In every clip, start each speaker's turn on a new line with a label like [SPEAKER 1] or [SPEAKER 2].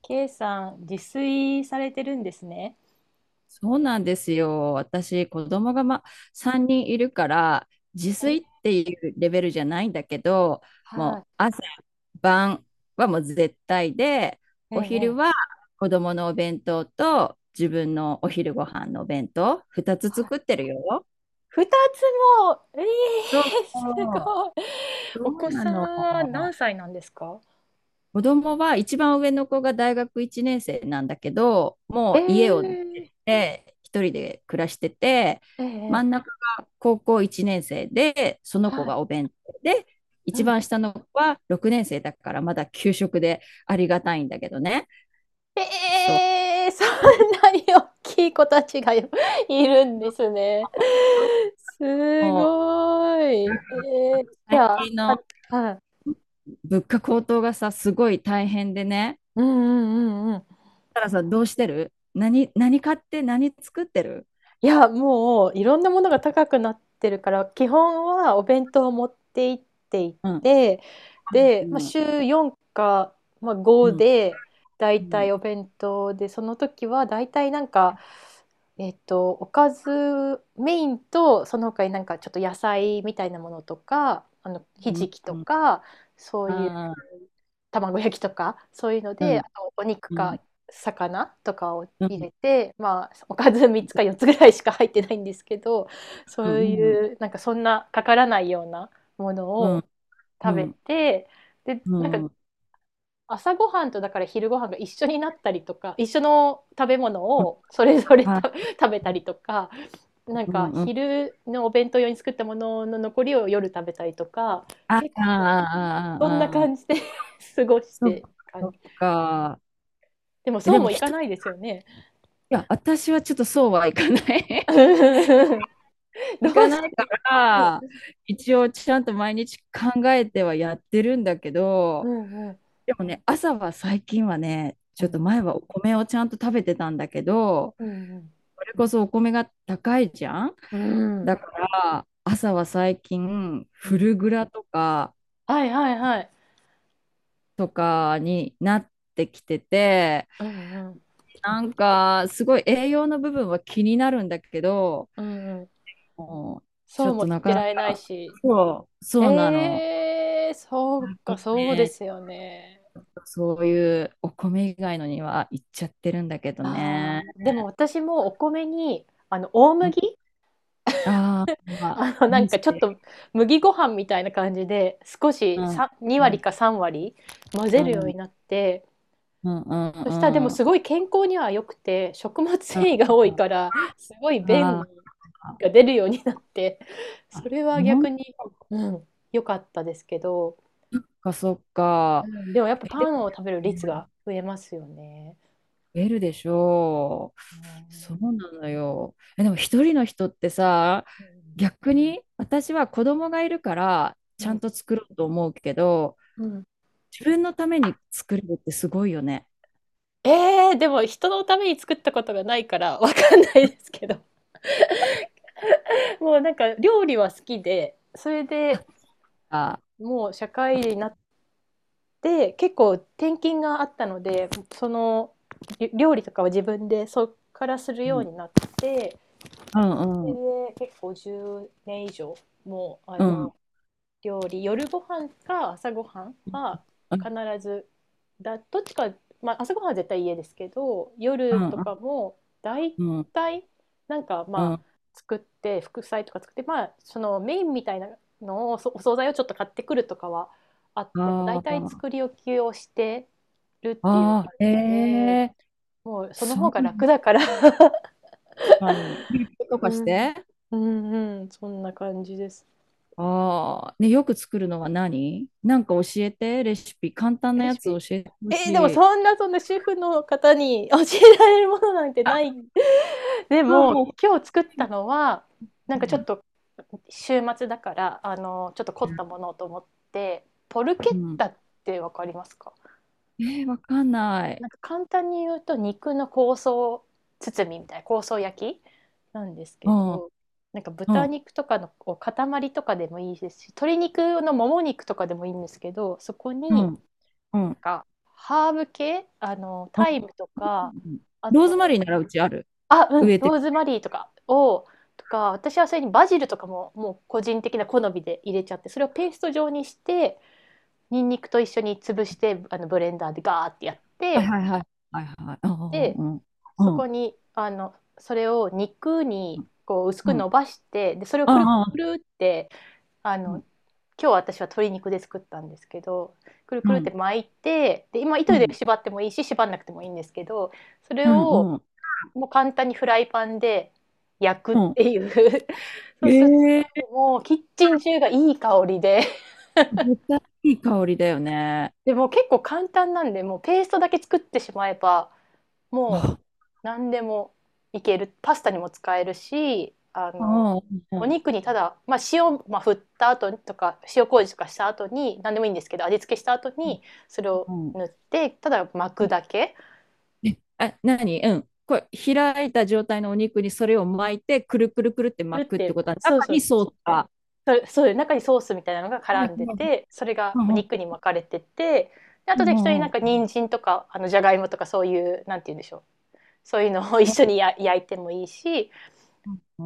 [SPEAKER 1] K さん、自炊されてるんですね。
[SPEAKER 2] そうなんですよ。私、子供が3人いるから、自
[SPEAKER 1] え、
[SPEAKER 2] 炊っていうレベルじゃないんだけど、
[SPEAKER 1] は
[SPEAKER 2] もう朝、晩はもう絶対で、
[SPEAKER 1] い、ええ、
[SPEAKER 2] お昼
[SPEAKER 1] ええ
[SPEAKER 2] は子供のお弁当と自分のお昼ご飯のお弁当、2つ
[SPEAKER 1] はい。
[SPEAKER 2] 作ってるよ。
[SPEAKER 1] 二つも、え
[SPEAKER 2] そうそ
[SPEAKER 1] えす
[SPEAKER 2] う。
[SPEAKER 1] ごい。
[SPEAKER 2] そ
[SPEAKER 1] お
[SPEAKER 2] う
[SPEAKER 1] 子
[SPEAKER 2] な
[SPEAKER 1] さん
[SPEAKER 2] の。
[SPEAKER 1] は何歳なんですか？
[SPEAKER 2] 子供は一番上の子が大学1年生なんだけど、も
[SPEAKER 1] え
[SPEAKER 2] う家を出
[SPEAKER 1] え、
[SPEAKER 2] て一人で暮らしてて、
[SPEAKER 1] え
[SPEAKER 2] 真
[SPEAKER 1] え、
[SPEAKER 2] ん
[SPEAKER 1] ええ
[SPEAKER 2] 中が高校1年生で、その子
[SPEAKER 1] はい、
[SPEAKER 2] がお弁当で、
[SPEAKER 1] う
[SPEAKER 2] 一
[SPEAKER 1] ん。
[SPEAKER 2] 番下の子は6年生だからまだ給食でありがたいんだけどね。
[SPEAKER 1] え
[SPEAKER 2] そう。
[SPEAKER 1] え、そんなに大きい子たちがよいるんですね。
[SPEAKER 2] も
[SPEAKER 1] す
[SPEAKER 2] う
[SPEAKER 1] ごい。ええ、じ
[SPEAKER 2] 最
[SPEAKER 1] ゃあ、
[SPEAKER 2] 近
[SPEAKER 1] か、
[SPEAKER 2] の
[SPEAKER 1] はい。
[SPEAKER 2] 物価高騰がさ、すごい大変でね。
[SPEAKER 1] うんうんうんうん。
[SPEAKER 2] たらさどうしてる何買って何作ってる。
[SPEAKER 1] いや、もういろんなものが高くなってるから、基本はお弁当を持って行ってい
[SPEAKER 2] うん。
[SPEAKER 1] て、
[SPEAKER 2] う
[SPEAKER 1] で、まあ、
[SPEAKER 2] ん。
[SPEAKER 1] 週4か、まあ、5
[SPEAKER 2] うん。
[SPEAKER 1] で、だ
[SPEAKER 2] う
[SPEAKER 1] いた
[SPEAKER 2] ん。
[SPEAKER 1] いお弁当で、その時はだいたいなんか、おかずメインとその他になんかちょっと野菜みたいなものとかひ
[SPEAKER 2] うん。
[SPEAKER 1] じきと
[SPEAKER 2] うん。
[SPEAKER 1] かそういう
[SPEAKER 2] ああ、
[SPEAKER 1] 卵焼きとかそういうの
[SPEAKER 2] う
[SPEAKER 1] で、あ
[SPEAKER 2] ん。
[SPEAKER 1] とお肉
[SPEAKER 2] う
[SPEAKER 1] か
[SPEAKER 2] ん、
[SPEAKER 1] 魚とかを
[SPEAKER 2] う
[SPEAKER 1] 入
[SPEAKER 2] ん、
[SPEAKER 1] れて、まあ、おかず3つか4つぐらいしか入ってないんですけど、
[SPEAKER 2] う
[SPEAKER 1] そう
[SPEAKER 2] ん、
[SPEAKER 1] いうなんかそんなかからないようなもの
[SPEAKER 2] うん、
[SPEAKER 1] を
[SPEAKER 2] う
[SPEAKER 1] 食べ
[SPEAKER 2] ん、
[SPEAKER 1] て、で
[SPEAKER 2] う
[SPEAKER 1] なんか
[SPEAKER 2] ん、うん、
[SPEAKER 1] 朝ごはんとだから昼ごはんが一緒になったりとか、一緒の食べ物をそれぞれ
[SPEAKER 2] あ、
[SPEAKER 1] た 食べたりとか、なん
[SPEAKER 2] う
[SPEAKER 1] か
[SPEAKER 2] ん、うん、
[SPEAKER 1] 昼のお弁当用に作ったものの残りを夜食べたりとか、
[SPEAKER 2] あ、
[SPEAKER 1] 結
[SPEAKER 2] あ、あ、
[SPEAKER 1] 構そんな感
[SPEAKER 2] あ、
[SPEAKER 1] じで 過ごし
[SPEAKER 2] そっ
[SPEAKER 1] て
[SPEAKER 2] か、そ
[SPEAKER 1] 感
[SPEAKER 2] っ
[SPEAKER 1] じ。
[SPEAKER 2] か。
[SPEAKER 1] でもそ
[SPEAKER 2] で
[SPEAKER 1] う
[SPEAKER 2] も
[SPEAKER 1] もい
[SPEAKER 2] 一
[SPEAKER 1] か
[SPEAKER 2] 人、
[SPEAKER 1] ない
[SPEAKER 2] い
[SPEAKER 1] ですよね。
[SPEAKER 2] や、私はちょっとそうはいかない。
[SPEAKER 1] どう
[SPEAKER 2] いか
[SPEAKER 1] し
[SPEAKER 2] ないか
[SPEAKER 1] て、
[SPEAKER 2] ら、
[SPEAKER 1] う
[SPEAKER 2] 一応ちゃんと毎日考えてはやってるんだけ
[SPEAKER 1] ん
[SPEAKER 2] ど、
[SPEAKER 1] うん
[SPEAKER 2] でもね、朝は最近はね、
[SPEAKER 1] う
[SPEAKER 2] ちょっと
[SPEAKER 1] ん
[SPEAKER 2] 前はお米をちゃんと食べてたんだけど、
[SPEAKER 1] うん
[SPEAKER 2] それこそお米が高いじゃん。
[SPEAKER 1] うん
[SPEAKER 2] だから朝は最近
[SPEAKER 1] う
[SPEAKER 2] フ
[SPEAKER 1] ん、
[SPEAKER 2] ルグラとか
[SPEAKER 1] はいはいはい、
[SPEAKER 2] になってきてて、
[SPEAKER 1] うんうん
[SPEAKER 2] なんかすごい栄養の部分は気になるんだけど、
[SPEAKER 1] うんうん、
[SPEAKER 2] もうち
[SPEAKER 1] そ
[SPEAKER 2] ょ
[SPEAKER 1] う
[SPEAKER 2] っ
[SPEAKER 1] も
[SPEAKER 2] と
[SPEAKER 1] 言っ
[SPEAKER 2] な
[SPEAKER 1] て
[SPEAKER 2] かな
[SPEAKER 1] られない
[SPEAKER 2] か。
[SPEAKER 1] し。
[SPEAKER 2] そうそうなの、
[SPEAKER 1] ええ、そうか、そうで
[SPEAKER 2] ね、
[SPEAKER 1] すよね。
[SPEAKER 2] ちょっとそういうお米以外のにはいっちゃってるんだけど
[SPEAKER 1] ああ、
[SPEAKER 2] ね。
[SPEAKER 1] でも私もお米に、大
[SPEAKER 2] うん。
[SPEAKER 1] 麦
[SPEAKER 2] あー、 まあ
[SPEAKER 1] なん
[SPEAKER 2] 人
[SPEAKER 1] か
[SPEAKER 2] 生。
[SPEAKER 1] ちょっと麦ご飯みたいな感じで、少
[SPEAKER 2] う
[SPEAKER 1] し
[SPEAKER 2] ん、
[SPEAKER 1] さ
[SPEAKER 2] う
[SPEAKER 1] 2割
[SPEAKER 2] ん、
[SPEAKER 1] か3割混
[SPEAKER 2] う
[SPEAKER 1] ぜるよう
[SPEAKER 2] ん、う
[SPEAKER 1] に
[SPEAKER 2] ん、
[SPEAKER 1] なって、
[SPEAKER 2] うん、うん、う
[SPEAKER 1] そしたらでも
[SPEAKER 2] ん、う
[SPEAKER 1] す
[SPEAKER 2] ん。
[SPEAKER 1] ごい健康には良くて、食物繊維が多いから、すごい
[SPEAKER 2] あ
[SPEAKER 1] 便
[SPEAKER 2] ー、
[SPEAKER 1] が出るようになって、それ
[SPEAKER 2] あ、
[SPEAKER 1] は逆
[SPEAKER 2] も
[SPEAKER 1] に、うん、良かったですけど、
[SPEAKER 2] か、そっ
[SPEAKER 1] う
[SPEAKER 2] か。
[SPEAKER 1] ん、でもやっぱ
[SPEAKER 2] え、で
[SPEAKER 1] パン
[SPEAKER 2] も
[SPEAKER 1] を食べる率が増えますよね。
[SPEAKER 2] 増えるでしょう。
[SPEAKER 1] うん
[SPEAKER 2] そうなのよ。え、でも一人の人ってさ、
[SPEAKER 1] うん
[SPEAKER 2] 逆に私は子供がいるから
[SPEAKER 1] う
[SPEAKER 2] ちゃん
[SPEAKER 1] ん、
[SPEAKER 2] と作ろうと思うけど、
[SPEAKER 1] うん。
[SPEAKER 2] 自分のために作れるってすごいよね。
[SPEAKER 1] えー、でも人のために作ったことがないからわかんないですけど。もうなんか料理は好きで、それで
[SPEAKER 2] あ、
[SPEAKER 1] もう社会人になって結構転勤があったので、そのり料理とかは自分でそっからする
[SPEAKER 2] う
[SPEAKER 1] よう
[SPEAKER 2] ん、
[SPEAKER 1] になって、
[SPEAKER 2] う
[SPEAKER 1] そ
[SPEAKER 2] ん、う
[SPEAKER 1] れ
[SPEAKER 2] ん、
[SPEAKER 1] で結構10年以上、もうあ
[SPEAKER 2] う
[SPEAKER 1] の
[SPEAKER 2] ん、
[SPEAKER 1] 料理夜ご飯か朝ごはんは
[SPEAKER 2] うん、
[SPEAKER 1] 必ずだどっちか、まあ、朝ごはんは絶対家ですけど、
[SPEAKER 2] う
[SPEAKER 1] 夜と
[SPEAKER 2] ん、
[SPEAKER 1] かも大
[SPEAKER 2] うん、
[SPEAKER 1] 体、なんか
[SPEAKER 2] う
[SPEAKER 1] まあ
[SPEAKER 2] ん。
[SPEAKER 1] 作って副菜とか作って、まあそのメインみたいなのをそお惣菜をちょっと買ってくるとかはあっても、大
[SPEAKER 2] あ
[SPEAKER 1] 体
[SPEAKER 2] あ、
[SPEAKER 1] 作り置きをしてるっていう
[SPEAKER 2] ああ、え
[SPEAKER 1] 感じで、
[SPEAKER 2] え、
[SPEAKER 1] もうその
[SPEAKER 2] そ
[SPEAKER 1] 方
[SPEAKER 2] う、
[SPEAKER 1] が
[SPEAKER 2] 確
[SPEAKER 1] 楽だから。
[SPEAKER 2] かに。と
[SPEAKER 1] う
[SPEAKER 2] かし
[SPEAKER 1] ん
[SPEAKER 2] て。
[SPEAKER 1] うんうん、そんな感じです。
[SPEAKER 2] ああ、ね、よく作るのは何、なんか教えて、レシピ。簡単な
[SPEAKER 1] レ
[SPEAKER 2] や
[SPEAKER 1] シ
[SPEAKER 2] つ教
[SPEAKER 1] ピ、
[SPEAKER 2] えてほし
[SPEAKER 1] えー、でも
[SPEAKER 2] い。
[SPEAKER 1] そんな、そんな主婦の方に教えられるものなんてない。で
[SPEAKER 2] あ、
[SPEAKER 1] も
[SPEAKER 2] も
[SPEAKER 1] 今日作ったのは、な
[SPEAKER 2] う、
[SPEAKER 1] ん
[SPEAKER 2] う
[SPEAKER 1] かちょっ
[SPEAKER 2] ん。
[SPEAKER 1] と週末だからちょっと凝ったものと思ってポルケ
[SPEAKER 2] う
[SPEAKER 1] ッ
[SPEAKER 2] ん、
[SPEAKER 1] タってわかりますか？
[SPEAKER 2] えー、わかんな
[SPEAKER 1] な
[SPEAKER 2] い。
[SPEAKER 1] んか簡単に言うと肉の香草包みみたいな香草焼きなんです
[SPEAKER 2] う
[SPEAKER 1] け
[SPEAKER 2] ん、うん、
[SPEAKER 1] ど、なんか豚
[SPEAKER 2] う
[SPEAKER 1] 肉とかのこう塊とかでもいいですし、鶏肉のもも肉とかでもいいんですけど、そこに
[SPEAKER 2] ん、う
[SPEAKER 1] な
[SPEAKER 2] ん、
[SPEAKER 1] んか、ハーブ系、
[SPEAKER 2] う
[SPEAKER 1] タイ
[SPEAKER 2] ん。
[SPEAKER 1] ムとか、あ
[SPEAKER 2] ローズマリ
[SPEAKER 1] と、
[SPEAKER 2] ーならうちある。
[SPEAKER 1] あ、う
[SPEAKER 2] 植
[SPEAKER 1] ん、
[SPEAKER 2] えて
[SPEAKER 1] ロ
[SPEAKER 2] る。
[SPEAKER 1] ーズマリーとかを、とか、私はそれにバジルとかも、もう個人的な好みで入れちゃって、それをペースト状にして、ニンニクと一緒に潰して、ブレンダーでガーってやっ
[SPEAKER 2] はい
[SPEAKER 1] て、
[SPEAKER 2] はいはい。はいはい。ああ、
[SPEAKER 1] で、
[SPEAKER 2] うん、
[SPEAKER 1] そ
[SPEAKER 2] う
[SPEAKER 1] こ
[SPEAKER 2] ん、
[SPEAKER 1] に、それを肉
[SPEAKER 2] う
[SPEAKER 1] に、こう、薄く
[SPEAKER 2] ん、う
[SPEAKER 1] 伸
[SPEAKER 2] ん。
[SPEAKER 1] ばして、で、それをくる
[SPEAKER 2] あ
[SPEAKER 1] く
[SPEAKER 2] あ、
[SPEAKER 1] るって、あ
[SPEAKER 2] う
[SPEAKER 1] の、
[SPEAKER 2] ん、
[SPEAKER 1] 今日私は鶏肉で作ったんですけど、くる
[SPEAKER 2] う
[SPEAKER 1] くるっ
[SPEAKER 2] ん、
[SPEAKER 1] て巻いて、で今糸
[SPEAKER 2] う
[SPEAKER 1] で
[SPEAKER 2] ん、
[SPEAKER 1] 縛ってもいいし縛んなくてもいいんですけど、それ
[SPEAKER 2] う
[SPEAKER 1] を
[SPEAKER 2] ん、うん。
[SPEAKER 1] もう簡単にフライパンで焼くっ
[SPEAKER 2] うん、
[SPEAKER 1] ていう。 そうすると
[SPEAKER 2] ええ。
[SPEAKER 1] もうキッチン中がいい香りで、
[SPEAKER 2] 絶対いい香りだよね。
[SPEAKER 1] でもう結構簡単なんで、もうペーストだけ作ってしまえば、 もう
[SPEAKER 2] あ
[SPEAKER 1] 何でもいける。パスタにも使えるし、
[SPEAKER 2] あ、うん、
[SPEAKER 1] お
[SPEAKER 2] う
[SPEAKER 1] 肉にただ、まあ、塩、まあ、振った後とか、塩麹とかした後に、何でもいいんですけど、味付けした後に、それを
[SPEAKER 2] ん、うん。
[SPEAKER 1] 塗って、ただ巻くだけ。
[SPEAKER 2] え、あ、何、うん。これ、開いた状態のお肉にそれを巻いて、くるくるくるって
[SPEAKER 1] それっ
[SPEAKER 2] 巻くって
[SPEAKER 1] て、
[SPEAKER 2] ことは、中
[SPEAKER 1] そうそ
[SPEAKER 2] に
[SPEAKER 1] う、
[SPEAKER 2] ソースが。
[SPEAKER 1] それそういう中にソースみたいなのが
[SPEAKER 2] は
[SPEAKER 1] 絡
[SPEAKER 2] い
[SPEAKER 1] んで
[SPEAKER 2] はい。
[SPEAKER 1] て、それが
[SPEAKER 2] う
[SPEAKER 1] お
[SPEAKER 2] ん、うん、
[SPEAKER 1] 肉に巻かれてて、であ
[SPEAKER 2] う
[SPEAKER 1] と適当になん
[SPEAKER 2] ん、
[SPEAKER 1] か人参とか、じゃがいもとかそういう、なんて言うんでしょう。そういうのを一
[SPEAKER 2] うん、う
[SPEAKER 1] 緒にや焼いてもいいし、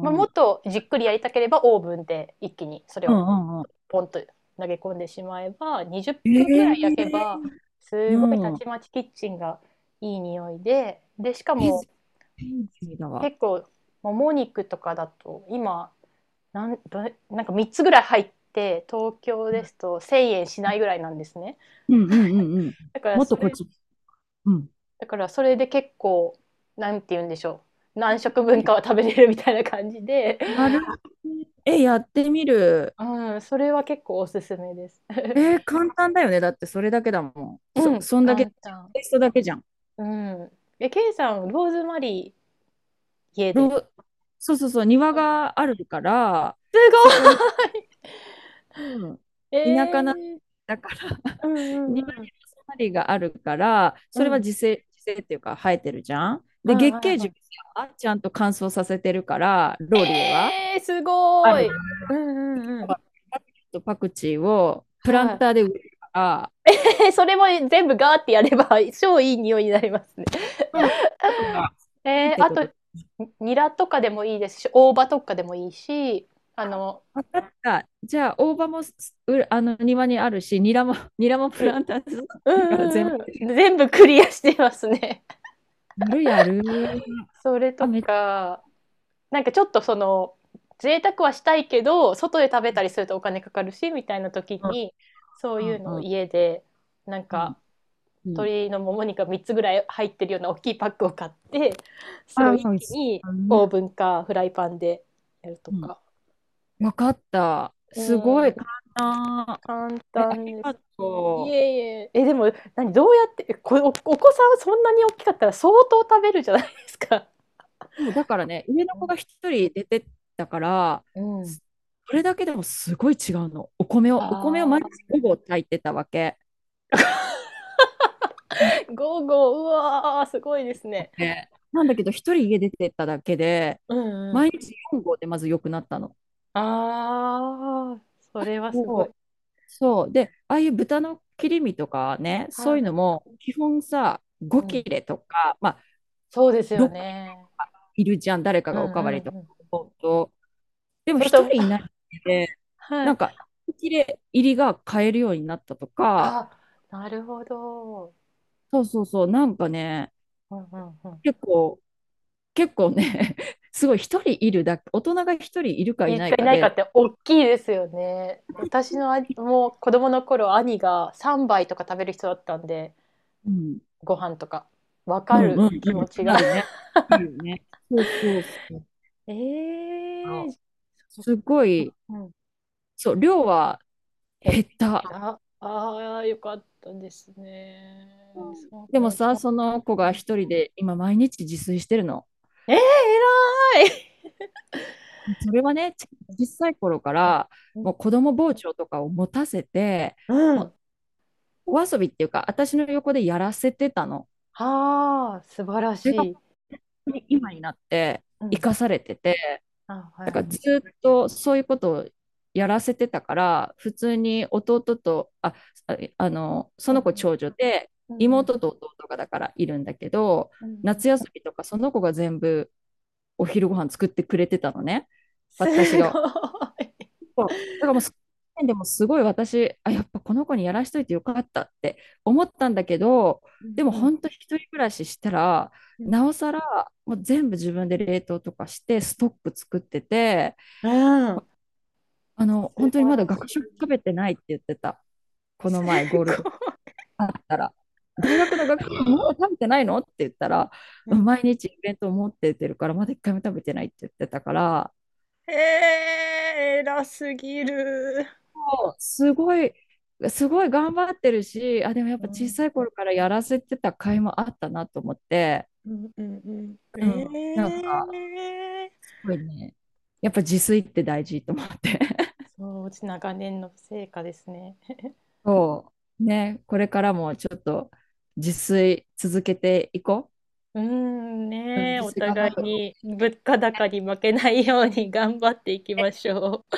[SPEAKER 1] まあ、もっとじっくりやりたければオーブンで一気にそれ
[SPEAKER 2] う
[SPEAKER 1] を
[SPEAKER 2] ん、うん、
[SPEAKER 1] ポンと投げ込んでしまえば、20
[SPEAKER 2] え
[SPEAKER 1] 分ぐらい焼け
[SPEAKER 2] え。
[SPEAKER 1] ばす
[SPEAKER 2] う
[SPEAKER 1] ごいた
[SPEAKER 2] ん。
[SPEAKER 1] ちまちキッチンがいい匂いで、でしか
[SPEAKER 2] え、
[SPEAKER 1] も
[SPEAKER 2] 天気だわ。
[SPEAKER 1] 結構もも肉とかだと今なんどれなんか3つぐらい入って東京ですと1,000円しないぐらいなんですね。
[SPEAKER 2] うん、うん、うん、うん。
[SPEAKER 1] だから
[SPEAKER 2] もっ
[SPEAKER 1] そ
[SPEAKER 2] とこっ
[SPEAKER 1] れ、
[SPEAKER 2] ち。うん。
[SPEAKER 1] だからそれで結構、なんて言うんでしょう、何食分かは食べれるみたいな感じで、
[SPEAKER 2] なる。え、やってみる。
[SPEAKER 1] うん、それは結構おすすめです。
[SPEAKER 2] えー、簡単だよね。だってそれだけだもん。
[SPEAKER 1] う
[SPEAKER 2] そ、
[SPEAKER 1] ん、
[SPEAKER 2] そんだけ、
[SPEAKER 1] 簡
[SPEAKER 2] テ
[SPEAKER 1] 単。
[SPEAKER 2] イストだけじゃん。
[SPEAKER 1] うん。え、ケイさん、ローズマリー家
[SPEAKER 2] ロ
[SPEAKER 1] で。
[SPEAKER 2] ーそうそうそう、庭
[SPEAKER 1] あ、す
[SPEAKER 2] があるから、
[SPEAKER 1] ご
[SPEAKER 2] そこに、
[SPEAKER 1] い。
[SPEAKER 2] うん。田舎
[SPEAKER 1] え
[SPEAKER 2] な、
[SPEAKER 1] ー、
[SPEAKER 2] だから
[SPEAKER 1] う んう
[SPEAKER 2] 庭にロ
[SPEAKER 1] んうん。
[SPEAKER 2] ーズマリーがあるから、
[SPEAKER 1] う
[SPEAKER 2] それは
[SPEAKER 1] ん。
[SPEAKER 2] 自生、自生っていうか生えてるじゃん。で、
[SPEAKER 1] はい
[SPEAKER 2] 月
[SPEAKER 1] はい
[SPEAKER 2] 桂
[SPEAKER 1] は
[SPEAKER 2] 樹はちゃんと乾燥させてるから、
[SPEAKER 1] い。
[SPEAKER 2] ローリエは。
[SPEAKER 1] えー、す
[SPEAKER 2] あ
[SPEAKER 1] ご
[SPEAKER 2] る
[SPEAKER 1] い、うんうんうん。
[SPEAKER 2] とパクチーをプラン
[SPEAKER 1] は
[SPEAKER 2] ターで植えるから、
[SPEAKER 1] い。それも全部ガーってやれば 超いい匂いになりますね。
[SPEAKER 2] うん。だから、っ
[SPEAKER 1] えー、
[SPEAKER 2] て
[SPEAKER 1] あ
[SPEAKER 2] こ
[SPEAKER 1] と、
[SPEAKER 2] と。
[SPEAKER 1] にニラとかでもいいですし、大葉とかでもいいし、あの、
[SPEAKER 2] 分かった。じゃあ、大葉もすうあの庭にあるし、ニラも、ニラもプ
[SPEAKER 1] う
[SPEAKER 2] ラ
[SPEAKER 1] ん
[SPEAKER 2] ンターで育っ
[SPEAKER 1] う
[SPEAKER 2] てるから全部。
[SPEAKER 1] んうんうん。全部クリアしてますね。
[SPEAKER 2] やるやる。
[SPEAKER 1] それ
[SPEAKER 2] あ、
[SPEAKER 1] と
[SPEAKER 2] めっち
[SPEAKER 1] か、なんかちょっとその贅沢はしたいけど外で食べたりするとお金かかるしみたいな時
[SPEAKER 2] ゃ。う
[SPEAKER 1] に、そういうの
[SPEAKER 2] ん、
[SPEAKER 1] を
[SPEAKER 2] うん、
[SPEAKER 1] 家でなん
[SPEAKER 2] うん。
[SPEAKER 1] か
[SPEAKER 2] うん。
[SPEAKER 1] 鶏のもも肉が3つぐらい入ってるような大きいパックを買って、それ
[SPEAKER 2] あ
[SPEAKER 1] を
[SPEAKER 2] あ、
[SPEAKER 1] 一
[SPEAKER 2] 美味
[SPEAKER 1] 気
[SPEAKER 2] しい。
[SPEAKER 1] にオーブンかフライパンでやると
[SPEAKER 2] うん。
[SPEAKER 1] か。
[SPEAKER 2] わかった。
[SPEAKER 1] う
[SPEAKER 2] すごい、簡
[SPEAKER 1] ん、
[SPEAKER 2] 単。
[SPEAKER 1] 簡
[SPEAKER 2] え、あ
[SPEAKER 1] 単
[SPEAKER 2] り
[SPEAKER 1] で
[SPEAKER 2] が
[SPEAKER 1] す。い
[SPEAKER 2] と
[SPEAKER 1] えいえ、え、でも、何、どうやって、えこ、お、お子さんはそんなに大きかったら相当食べるじゃないですか。
[SPEAKER 2] う。もうだからね、上の
[SPEAKER 1] う
[SPEAKER 2] 子
[SPEAKER 1] ん。
[SPEAKER 2] が一人出てったから、
[SPEAKER 1] うん。
[SPEAKER 2] すそれだけでもすごい違うの。お米を、お米を
[SPEAKER 1] あ
[SPEAKER 2] 毎日
[SPEAKER 1] あ。
[SPEAKER 2] 午後炊いてたわけ。うん。
[SPEAKER 1] ゴーゴー、うわー、すごいですね。
[SPEAKER 2] でなんだけど、一人家出てっただけで、
[SPEAKER 1] うんう
[SPEAKER 2] 毎
[SPEAKER 1] ん。
[SPEAKER 2] 日4合でまず良くなったの。
[SPEAKER 1] ああ、それはす
[SPEAKER 2] そ
[SPEAKER 1] ごい。
[SPEAKER 2] う。そう。で、ああいう豚の切り身とかね、そう
[SPEAKER 1] は
[SPEAKER 2] いうの
[SPEAKER 1] い。
[SPEAKER 2] も、基本さ、5
[SPEAKER 1] う
[SPEAKER 2] 切
[SPEAKER 1] ん。
[SPEAKER 2] れとか、まあ、
[SPEAKER 1] そうですよ
[SPEAKER 2] 6切れ
[SPEAKER 1] ね。
[SPEAKER 2] いるじゃん、誰か
[SPEAKER 1] う
[SPEAKER 2] がお
[SPEAKER 1] ん
[SPEAKER 2] か
[SPEAKER 1] う
[SPEAKER 2] わりと
[SPEAKER 1] ん
[SPEAKER 2] か。
[SPEAKER 1] うん。
[SPEAKER 2] そうそう。でも
[SPEAKER 1] それ
[SPEAKER 2] 一
[SPEAKER 1] と、
[SPEAKER 2] 人いな いで、
[SPEAKER 1] は
[SPEAKER 2] な
[SPEAKER 1] い。
[SPEAKER 2] んか、切れ入りが買えるようになったとか、
[SPEAKER 1] あ、なるほど。
[SPEAKER 2] そうそうそう、なんかね、
[SPEAKER 1] うんうんうん。
[SPEAKER 2] 結構、結構ね、すごい一人いるだけ、大人が一人いるか
[SPEAKER 1] い
[SPEAKER 2] い
[SPEAKER 1] る
[SPEAKER 2] な
[SPEAKER 1] か
[SPEAKER 2] い
[SPEAKER 1] い
[SPEAKER 2] か
[SPEAKER 1] ないか
[SPEAKER 2] で、
[SPEAKER 1] っておっきいですよね。私のあもう子供の頃、兄が3杯とか食べる人だったんで、
[SPEAKER 2] うん、
[SPEAKER 1] ご飯とか。わ
[SPEAKER 2] う
[SPEAKER 1] か
[SPEAKER 2] ん、うん、
[SPEAKER 1] る
[SPEAKER 2] うん
[SPEAKER 1] 気持ちが。
[SPEAKER 2] なる ね。いるね。そうそうそう。
[SPEAKER 1] え
[SPEAKER 2] あ
[SPEAKER 1] え
[SPEAKER 2] の、
[SPEAKER 1] ー、
[SPEAKER 2] すごい、
[SPEAKER 1] うん。
[SPEAKER 2] そう、量は
[SPEAKER 1] 減っ
[SPEAKER 2] 減った。
[SPEAKER 1] た。ああ、よかったですね。そ
[SPEAKER 2] でもさ、その子が一
[SPEAKER 1] う。
[SPEAKER 2] 人で今毎日自炊してるの。
[SPEAKER 1] ええ、偉い。
[SPEAKER 2] それはね、小さい頃から、
[SPEAKER 1] う
[SPEAKER 2] も
[SPEAKER 1] ん、
[SPEAKER 2] う子供包丁とかを持たせて、
[SPEAKER 1] うん。
[SPEAKER 2] もお遊びっていうか、私の横でやらせてたの。
[SPEAKER 1] はあ、素晴ら
[SPEAKER 2] それが
[SPEAKER 1] し
[SPEAKER 2] 本
[SPEAKER 1] い。
[SPEAKER 2] 当に今になって
[SPEAKER 1] う
[SPEAKER 2] 生
[SPEAKER 1] ん。
[SPEAKER 2] かされてて、
[SPEAKER 1] あ、は
[SPEAKER 2] だからず
[SPEAKER 1] い。
[SPEAKER 2] っとそういうことをやらせてたから、普通に弟と、あの、そ
[SPEAKER 1] うんう
[SPEAKER 2] の子
[SPEAKER 1] ん。
[SPEAKER 2] 長女で、
[SPEAKER 1] うんうん。
[SPEAKER 2] 妹と弟がだからいるんだけど、
[SPEAKER 1] うんうん。
[SPEAKER 2] 夏休みとかその子が全部お昼ご飯作ってくれてたのね。
[SPEAKER 1] す
[SPEAKER 2] 私が。
[SPEAKER 1] ごい。
[SPEAKER 2] そう。だからもう、その時点でもすごい私、あ、やっぱこの子にやらしといてよかったって思ったんだけど、
[SPEAKER 1] うん
[SPEAKER 2] でも
[SPEAKER 1] うん
[SPEAKER 2] 本当一人暮らししたら、
[SPEAKER 1] うん。
[SPEAKER 2] なおさら、もう全部自分で冷凍とかして、ストック作ってて、
[SPEAKER 1] うーん。
[SPEAKER 2] あの、本
[SPEAKER 1] 素
[SPEAKER 2] 当に
[SPEAKER 1] 晴
[SPEAKER 2] まだ
[SPEAKER 1] らし
[SPEAKER 2] 学食
[SPEAKER 1] い。
[SPEAKER 2] 食べてないって言ってた。この
[SPEAKER 1] す
[SPEAKER 2] 前、ゴール
[SPEAKER 1] ご
[SPEAKER 2] デン
[SPEAKER 1] い、
[SPEAKER 2] あったら。大学の学食まだ食べてないのって言ったら、
[SPEAKER 1] うん。
[SPEAKER 2] 毎
[SPEAKER 1] い。
[SPEAKER 2] 日イベント持ってってるから、まだ一回も食べてないって言ってたから、
[SPEAKER 1] ええ、偉すぎる。
[SPEAKER 2] すごい、すごい頑張ってるし、あ、でもやっ
[SPEAKER 1] う
[SPEAKER 2] ぱ小
[SPEAKER 1] ん。
[SPEAKER 2] さい頃からやらせてた甲斐もあったなと思って、
[SPEAKER 1] うんうんうんすご
[SPEAKER 2] う
[SPEAKER 1] いう
[SPEAKER 2] ん、なん
[SPEAKER 1] んうんう
[SPEAKER 2] か、
[SPEAKER 1] んうん素晴らしい、
[SPEAKER 2] すごいね、やっぱ自炊って大事と思って。
[SPEAKER 1] すごうんいええ。そう、うち長年の成果ですね。
[SPEAKER 2] そう、ね、これからもちょっと自炊続けていこ
[SPEAKER 1] うーん
[SPEAKER 2] う。うん、
[SPEAKER 1] ねえ、
[SPEAKER 2] 自
[SPEAKER 1] お
[SPEAKER 2] 炊頑張
[SPEAKER 1] 互
[SPEAKER 2] っ
[SPEAKER 1] い
[SPEAKER 2] て。
[SPEAKER 1] に物価高に負けないように頑張っていきましょう。